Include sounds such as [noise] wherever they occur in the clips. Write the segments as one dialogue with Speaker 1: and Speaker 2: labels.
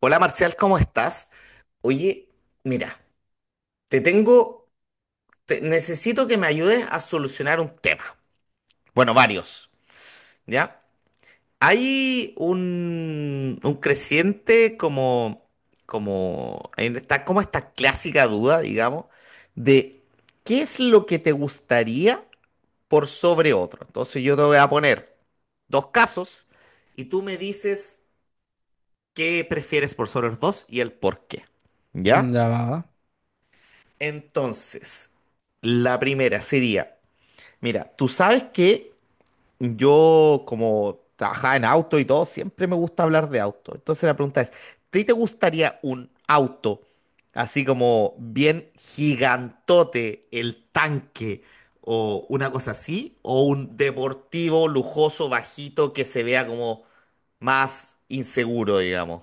Speaker 1: Hola Marcial, ¿cómo estás? Oye, mira, te tengo, necesito que me ayudes a solucionar un tema. Bueno, varios, ¿ya? Hay un creciente en esta, como esta clásica duda, digamos, de qué es lo que te gustaría por sobre otro. Entonces yo te voy a poner dos casos y tú me dices qué prefieres por sobre los dos y el por qué, ¿ya?
Speaker 2: Ya va.
Speaker 1: Entonces, la primera sería, mira, tú sabes que yo como trabajaba en auto y todo, siempre me gusta hablar de auto. Entonces la pregunta es, ¿te gustaría un auto así como bien gigantote, el tanque o una cosa así, o un deportivo lujoso, bajito, que se vea como más inseguro, digamos?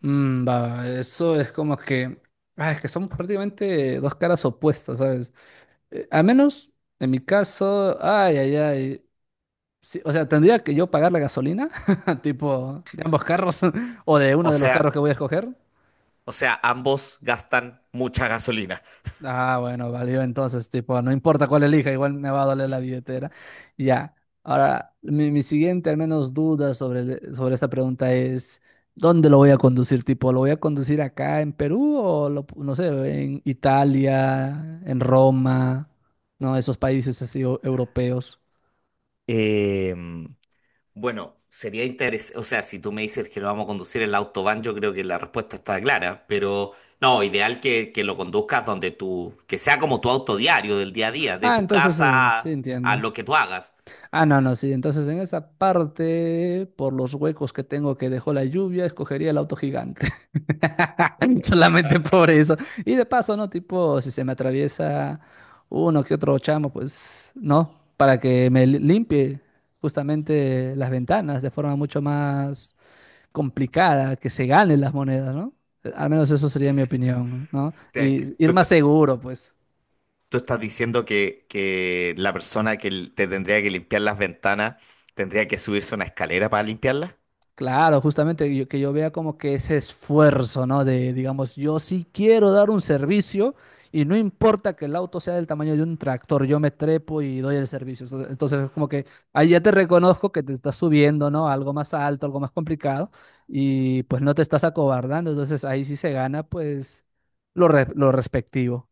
Speaker 2: Va, va. Eso es como que. Ah, es que son prácticamente dos caras opuestas, ¿sabes? Al menos en mi caso. Ay, ay, ay. Sí, o sea, tendría que yo pagar la gasolina, [laughs] tipo de ambos carros [laughs] o de uno
Speaker 1: O
Speaker 2: de los
Speaker 1: sea,
Speaker 2: carros que voy a escoger.
Speaker 1: o sea, ambos gastan mucha gasolina.
Speaker 2: Ah, bueno, valió entonces, tipo, no importa cuál elija, igual me va a doler la billetera. Ya. Ahora, mi siguiente, al menos, duda sobre, sobre esta pregunta es, ¿dónde lo voy a conducir? Tipo, ¿lo voy a conducir acá en Perú o, no sé, en Italia, en Roma, no, esos países así europeos?
Speaker 1: Em, Bueno, sería interesante, o sea, si tú me dices que lo vamos a conducir en el autobahn, yo creo que la respuesta está clara, pero no, ideal que lo conduzcas donde tú, que sea como tu auto diario del día a día, de
Speaker 2: Ah,
Speaker 1: tu
Speaker 2: entonces, sí
Speaker 1: casa a,
Speaker 2: entiendo.
Speaker 1: lo que tú hagas.
Speaker 2: Ah, no, no, sí. Entonces, en esa parte, por los huecos que tengo que dejó la lluvia, escogería el auto gigante. [laughs] Solamente por eso. Y de paso, ¿no? Tipo, si se me atraviesa uno que otro chamo, pues, ¿no? Para que limpie justamente las ventanas de forma mucho más complicada, que se ganen las monedas, ¿no? Al menos eso sería mi opinión, ¿no?
Speaker 1: Te- que-
Speaker 2: Y ir
Speaker 1: Tú, est-
Speaker 2: más seguro, pues.
Speaker 1: tú estás diciendo que la persona que te tendría que limpiar las ventanas tendría que subirse a una escalera para limpiarlas.
Speaker 2: Claro, justamente que yo vea como que ese esfuerzo, ¿no? De, digamos, yo sí quiero dar un servicio y no importa que el auto sea del tamaño de un tractor, yo me trepo y doy el servicio. Entonces es como que ahí ya te reconozco que te estás subiendo, ¿no? A algo más alto, algo más complicado y pues no te estás acobardando. Entonces ahí sí se gana, pues, lo respectivo.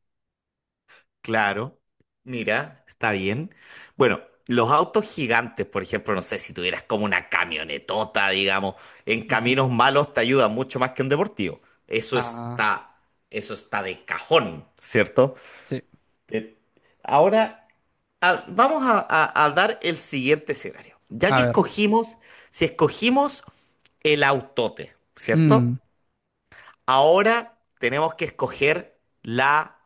Speaker 1: Claro, mira, está bien. Bueno, los autos gigantes, por ejemplo, no sé si tuvieras como una camionetota, digamos, en
Speaker 2: Ujú.
Speaker 1: caminos malos te ayuda mucho más que un deportivo. Eso
Speaker 2: Ah,
Speaker 1: está, eso está de cajón, ¿cierto?
Speaker 2: sí.
Speaker 1: Eh, Ahora, vamos a, a dar el siguiente escenario.
Speaker 2: A ver.
Speaker 1: Si escogimos el autote, ¿cierto?
Speaker 2: Mm,
Speaker 1: Ahora tenemos que escoger la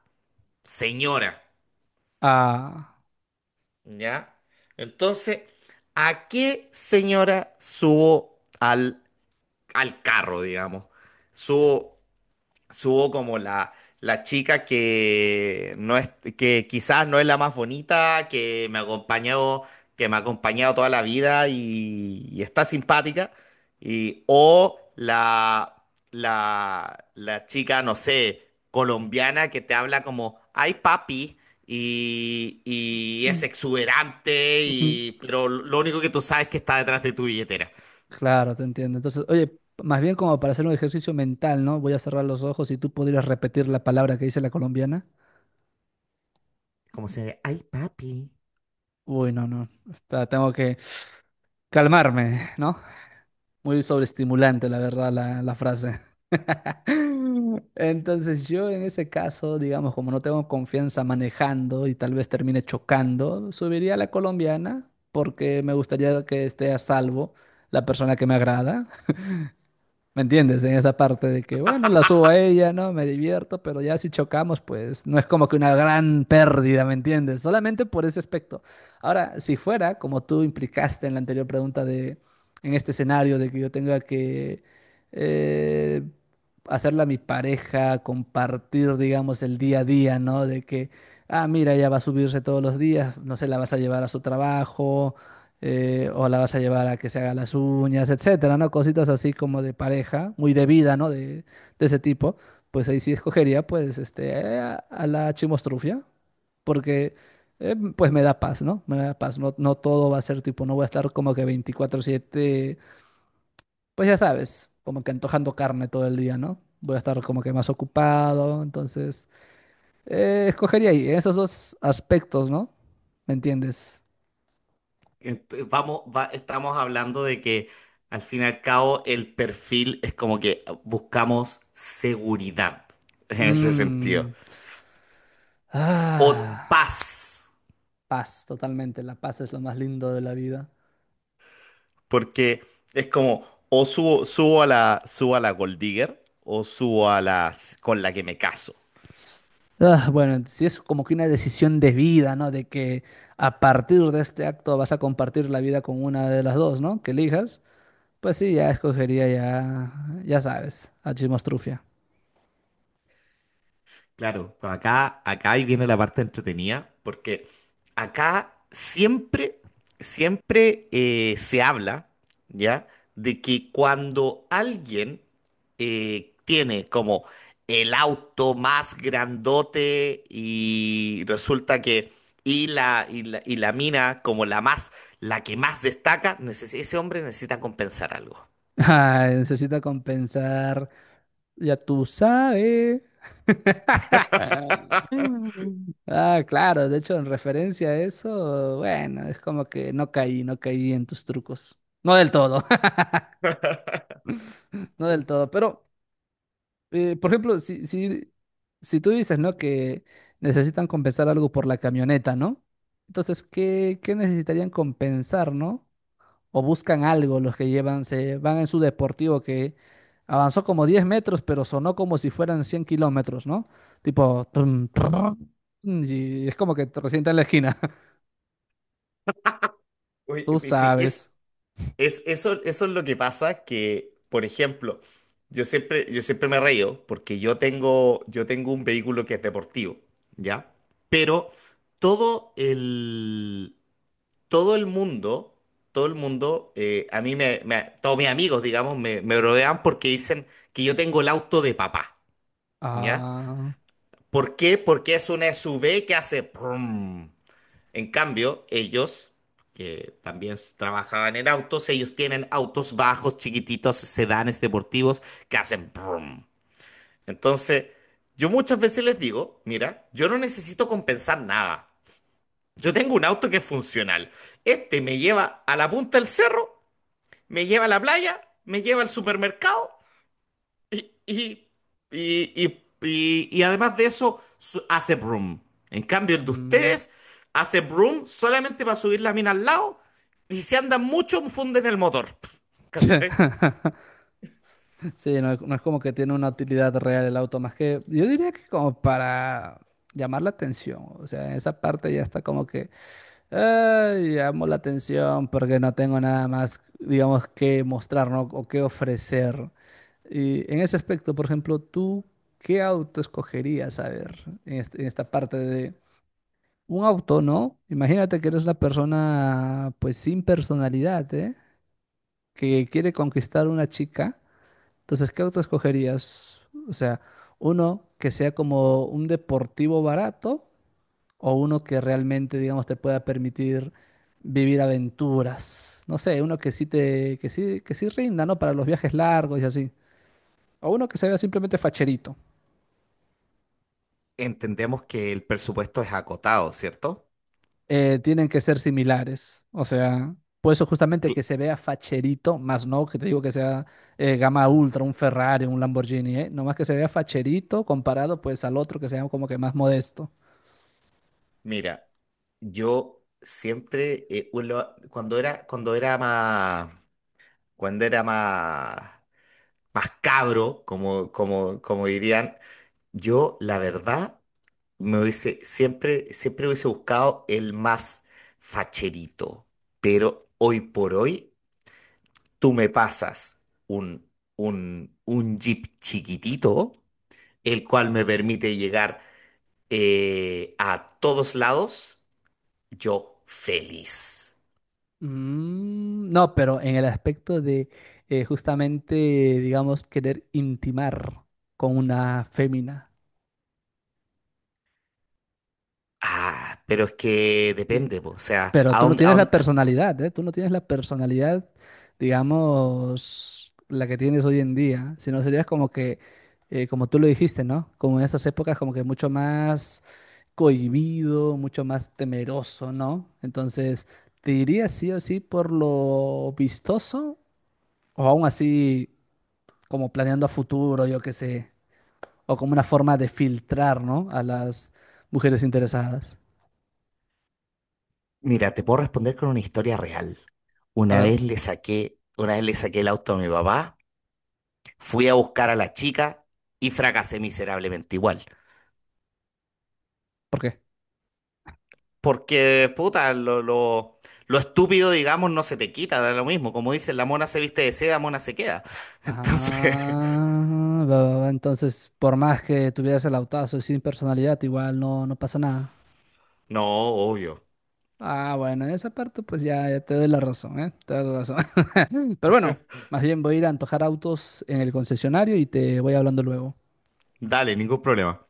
Speaker 1: señora.
Speaker 2: ah.
Speaker 1: ¿Ya? Entonces, ¿a qué señora subo al carro, digamos? Subo subo como la chica que no es, que quizás no es la más bonita, que me ha acompañado toda la vida y está simpática. Y, o la chica, no sé, colombiana que te habla como, ay papi. Y es exuberante, y,
Speaker 2: [laughs]
Speaker 1: pero lo único que tú sabes es que está detrás de tu billetera.
Speaker 2: Claro, te entiendo. Entonces, oye, más bien como para hacer un ejercicio mental, ¿no? Voy a cerrar los ojos y tú podrías repetir la palabra que dice la colombiana.
Speaker 1: Como se, ay papi.
Speaker 2: Uy, no, no. Espera, tengo que calmarme, ¿no? Muy sobreestimulante, la verdad, la frase. [laughs] Entonces, yo en ese caso, digamos, como no tengo confianza manejando y tal vez termine chocando, subiría a la colombiana porque me gustaría que esté a salvo la persona que me agrada. ¿Me entiendes? En esa parte de que, bueno, la subo a ella, ¿no? Me divierto, pero ya si chocamos, pues no es como que una gran pérdida, ¿me entiendes? Solamente por ese aspecto. Ahora, si fuera, como tú implicaste en la anterior pregunta de, en este escenario de que yo tenga que eh, hacerla mi pareja, compartir, digamos, el día a día, ¿no? De que, ah, mira, ella va a subirse todos los días, no sé, la vas a llevar a su trabajo, o la vas a llevar a que se haga las uñas, etcétera, ¿no? Cositas así como de pareja, muy de vida, ¿no? De ese tipo, pues ahí sí escogería, pues, este, a la chimostrufia, porque, pues, me da paz, ¿no? Me da paz, no, no todo va a ser tipo, no voy a estar como que 24/7, pues ya sabes, como que antojando carne todo el día, ¿no? Voy a estar como que más ocupado, entonces, escogería ahí esos dos aspectos, ¿no? ¿Me entiendes?
Speaker 1: Estamos hablando de que al fin y al cabo el perfil es como que buscamos seguridad [laughs] en ese sentido.
Speaker 2: Mm,
Speaker 1: O
Speaker 2: ah,
Speaker 1: paz,
Speaker 2: paz, totalmente. La paz es lo más lindo de la vida.
Speaker 1: porque es como o subo a la Gold Digger o subo a las con la que me caso.
Speaker 2: Ah, bueno, si es como que una decisión de vida, ¿no? De que a partir de este acto vas a compartir la vida con una de las dos, ¿no? Que elijas. Pues sí, ya escogería, ya sabes, a Chimostrufia.
Speaker 1: Claro, pues acá ahí viene la parte entretenida, porque acá siempre, siempre se habla, ¿ya? De que cuando alguien tiene como el auto más grandote y resulta que, y la mina como la más, la que más destaca, ese hombre necesita compensar algo.
Speaker 2: [laughs] Ay, necesita compensar. Ya tú sabes. Mm. Ah, claro, de hecho, en referencia a eso, bueno, es como que no caí, no caí en tus trucos. No del todo, [laughs] no del todo, pero, por ejemplo, si tú dices, ¿no? Que necesitan compensar algo por la camioneta, ¿no? Entonces, ¿qué necesitarían compensar, ¿no? O buscan algo los que llevan, se van en su deportivo que avanzó como 10 metros, pero sonó como si fueran 100 kilómetros, ¿no? Tipo, tum, tum, y es como que te resienta en la esquina.
Speaker 1: Oye,
Speaker 2: Tú
Speaker 1: y si es
Speaker 2: sabes.
Speaker 1: Es, eso es lo que pasa que, por ejemplo, yo siempre me reío porque yo tengo un vehículo que es deportivo, ¿ya? Pero todo el, todo el mundo, todo el mundo, a mí me, me- todos mis amigos, digamos, me rodean porque dicen que yo tengo el auto de papá, ¿ya?
Speaker 2: Ah,
Speaker 1: ¿Por qué? Porque es una SUV que hace brum. En cambio, ellos, que también trabajaban en autos, ellos tienen autos bajos, chiquititos, sedanes deportivos que hacen brum. Entonces, yo muchas veces les digo, mira, yo no necesito compensar nada. Yo tengo un auto que es funcional. Este me lleva a la punta del cerro, me lleva a la playa, me lleva al supermercado y, y, y además de eso, hace broom. En cambio, el de
Speaker 2: mm.
Speaker 1: ustedes hace broom solamente para subir la mina al lado y si andan mucho, funden el motor. [laughs] ¿Cachai?
Speaker 2: [laughs] Sí, no, es no es como que tiene una utilidad real el auto, más que yo diría que como para llamar la atención. O sea, en esa parte ya está como que "Ay, llamo la atención porque no tengo nada más, digamos, que mostrar, ¿no? O que ofrecer. Y en ese aspecto, por ejemplo, ¿tú qué auto escogerías, a ver, en esta parte de un auto, ¿no? Imagínate que eres una persona, pues, sin personalidad, ¿eh? Que quiere conquistar una chica, entonces, ¿qué auto escogerías? O sea, uno que sea como un deportivo barato o uno que realmente, digamos, te pueda permitir vivir aventuras. No sé, uno que sí te, que sí rinda, ¿no? Para los viajes largos y así. O uno que se vea simplemente facherito.
Speaker 1: Entendemos que el presupuesto es acotado, ¿cierto?
Speaker 2: Tienen que ser similares. O sea, por eso justamente que
Speaker 1: Cl-
Speaker 2: se vea facherito, más no que te digo que sea gama ultra, un Ferrari, un Lamborghini, ¿eh? Nomás que se vea facherito comparado pues al otro que sea como que más modesto.
Speaker 1: Mira, yo siempre, cuando cuando era más, más cabro, como, como, como dirían, yo la verdad me hubiese, siempre hubiese buscado el más facherito, pero hoy por hoy tú me pasas un, un Jeep chiquitito, el cual me permite llegar a todos lados, yo feliz.
Speaker 2: Mm, no, pero en el aspecto de justamente, digamos, querer intimar con una fémina.
Speaker 1: Ah, pero es que
Speaker 2: Eh,
Speaker 1: depende, po, o sea,
Speaker 2: Pero tú no tienes la
Speaker 1: a-
Speaker 2: personalidad, ¿eh? Tú no tienes la personalidad, digamos, la que tienes hoy en día, sino serías como que, como tú lo dijiste, ¿no? Como en esas épocas, como que mucho más cohibido, mucho más temeroso, ¿no? Entonces, ¿te dirías sí o sí por lo vistoso o aún así como planeando a futuro, yo qué sé, o como una forma de filtrar, ¿no? A las mujeres interesadas.
Speaker 1: Mira, te puedo responder con una historia real.
Speaker 2: A ver,
Speaker 1: Una vez le saqué el auto a mi papá. Fui a buscar a la chica y fracasé miserablemente igual.
Speaker 2: ¿por qué?
Speaker 1: Porque, puta, lo estúpido, digamos, no se te quita, da lo mismo. Como dicen, la mona se viste de seda, mona se queda. [laughs] Entonces,
Speaker 2: Ah, va, va, va, entonces, por más que tuvieras el autazo y sin personalidad, igual no, no pasa nada.
Speaker 1: [laughs] no, obvio.
Speaker 2: Ah, bueno, en esa parte pues ya, ya te doy la razón, ¿eh? Te doy la razón. [laughs] Pero bueno, más bien voy a ir a antojar autos en el concesionario y te voy hablando luego.
Speaker 1: Dale, ningún problema.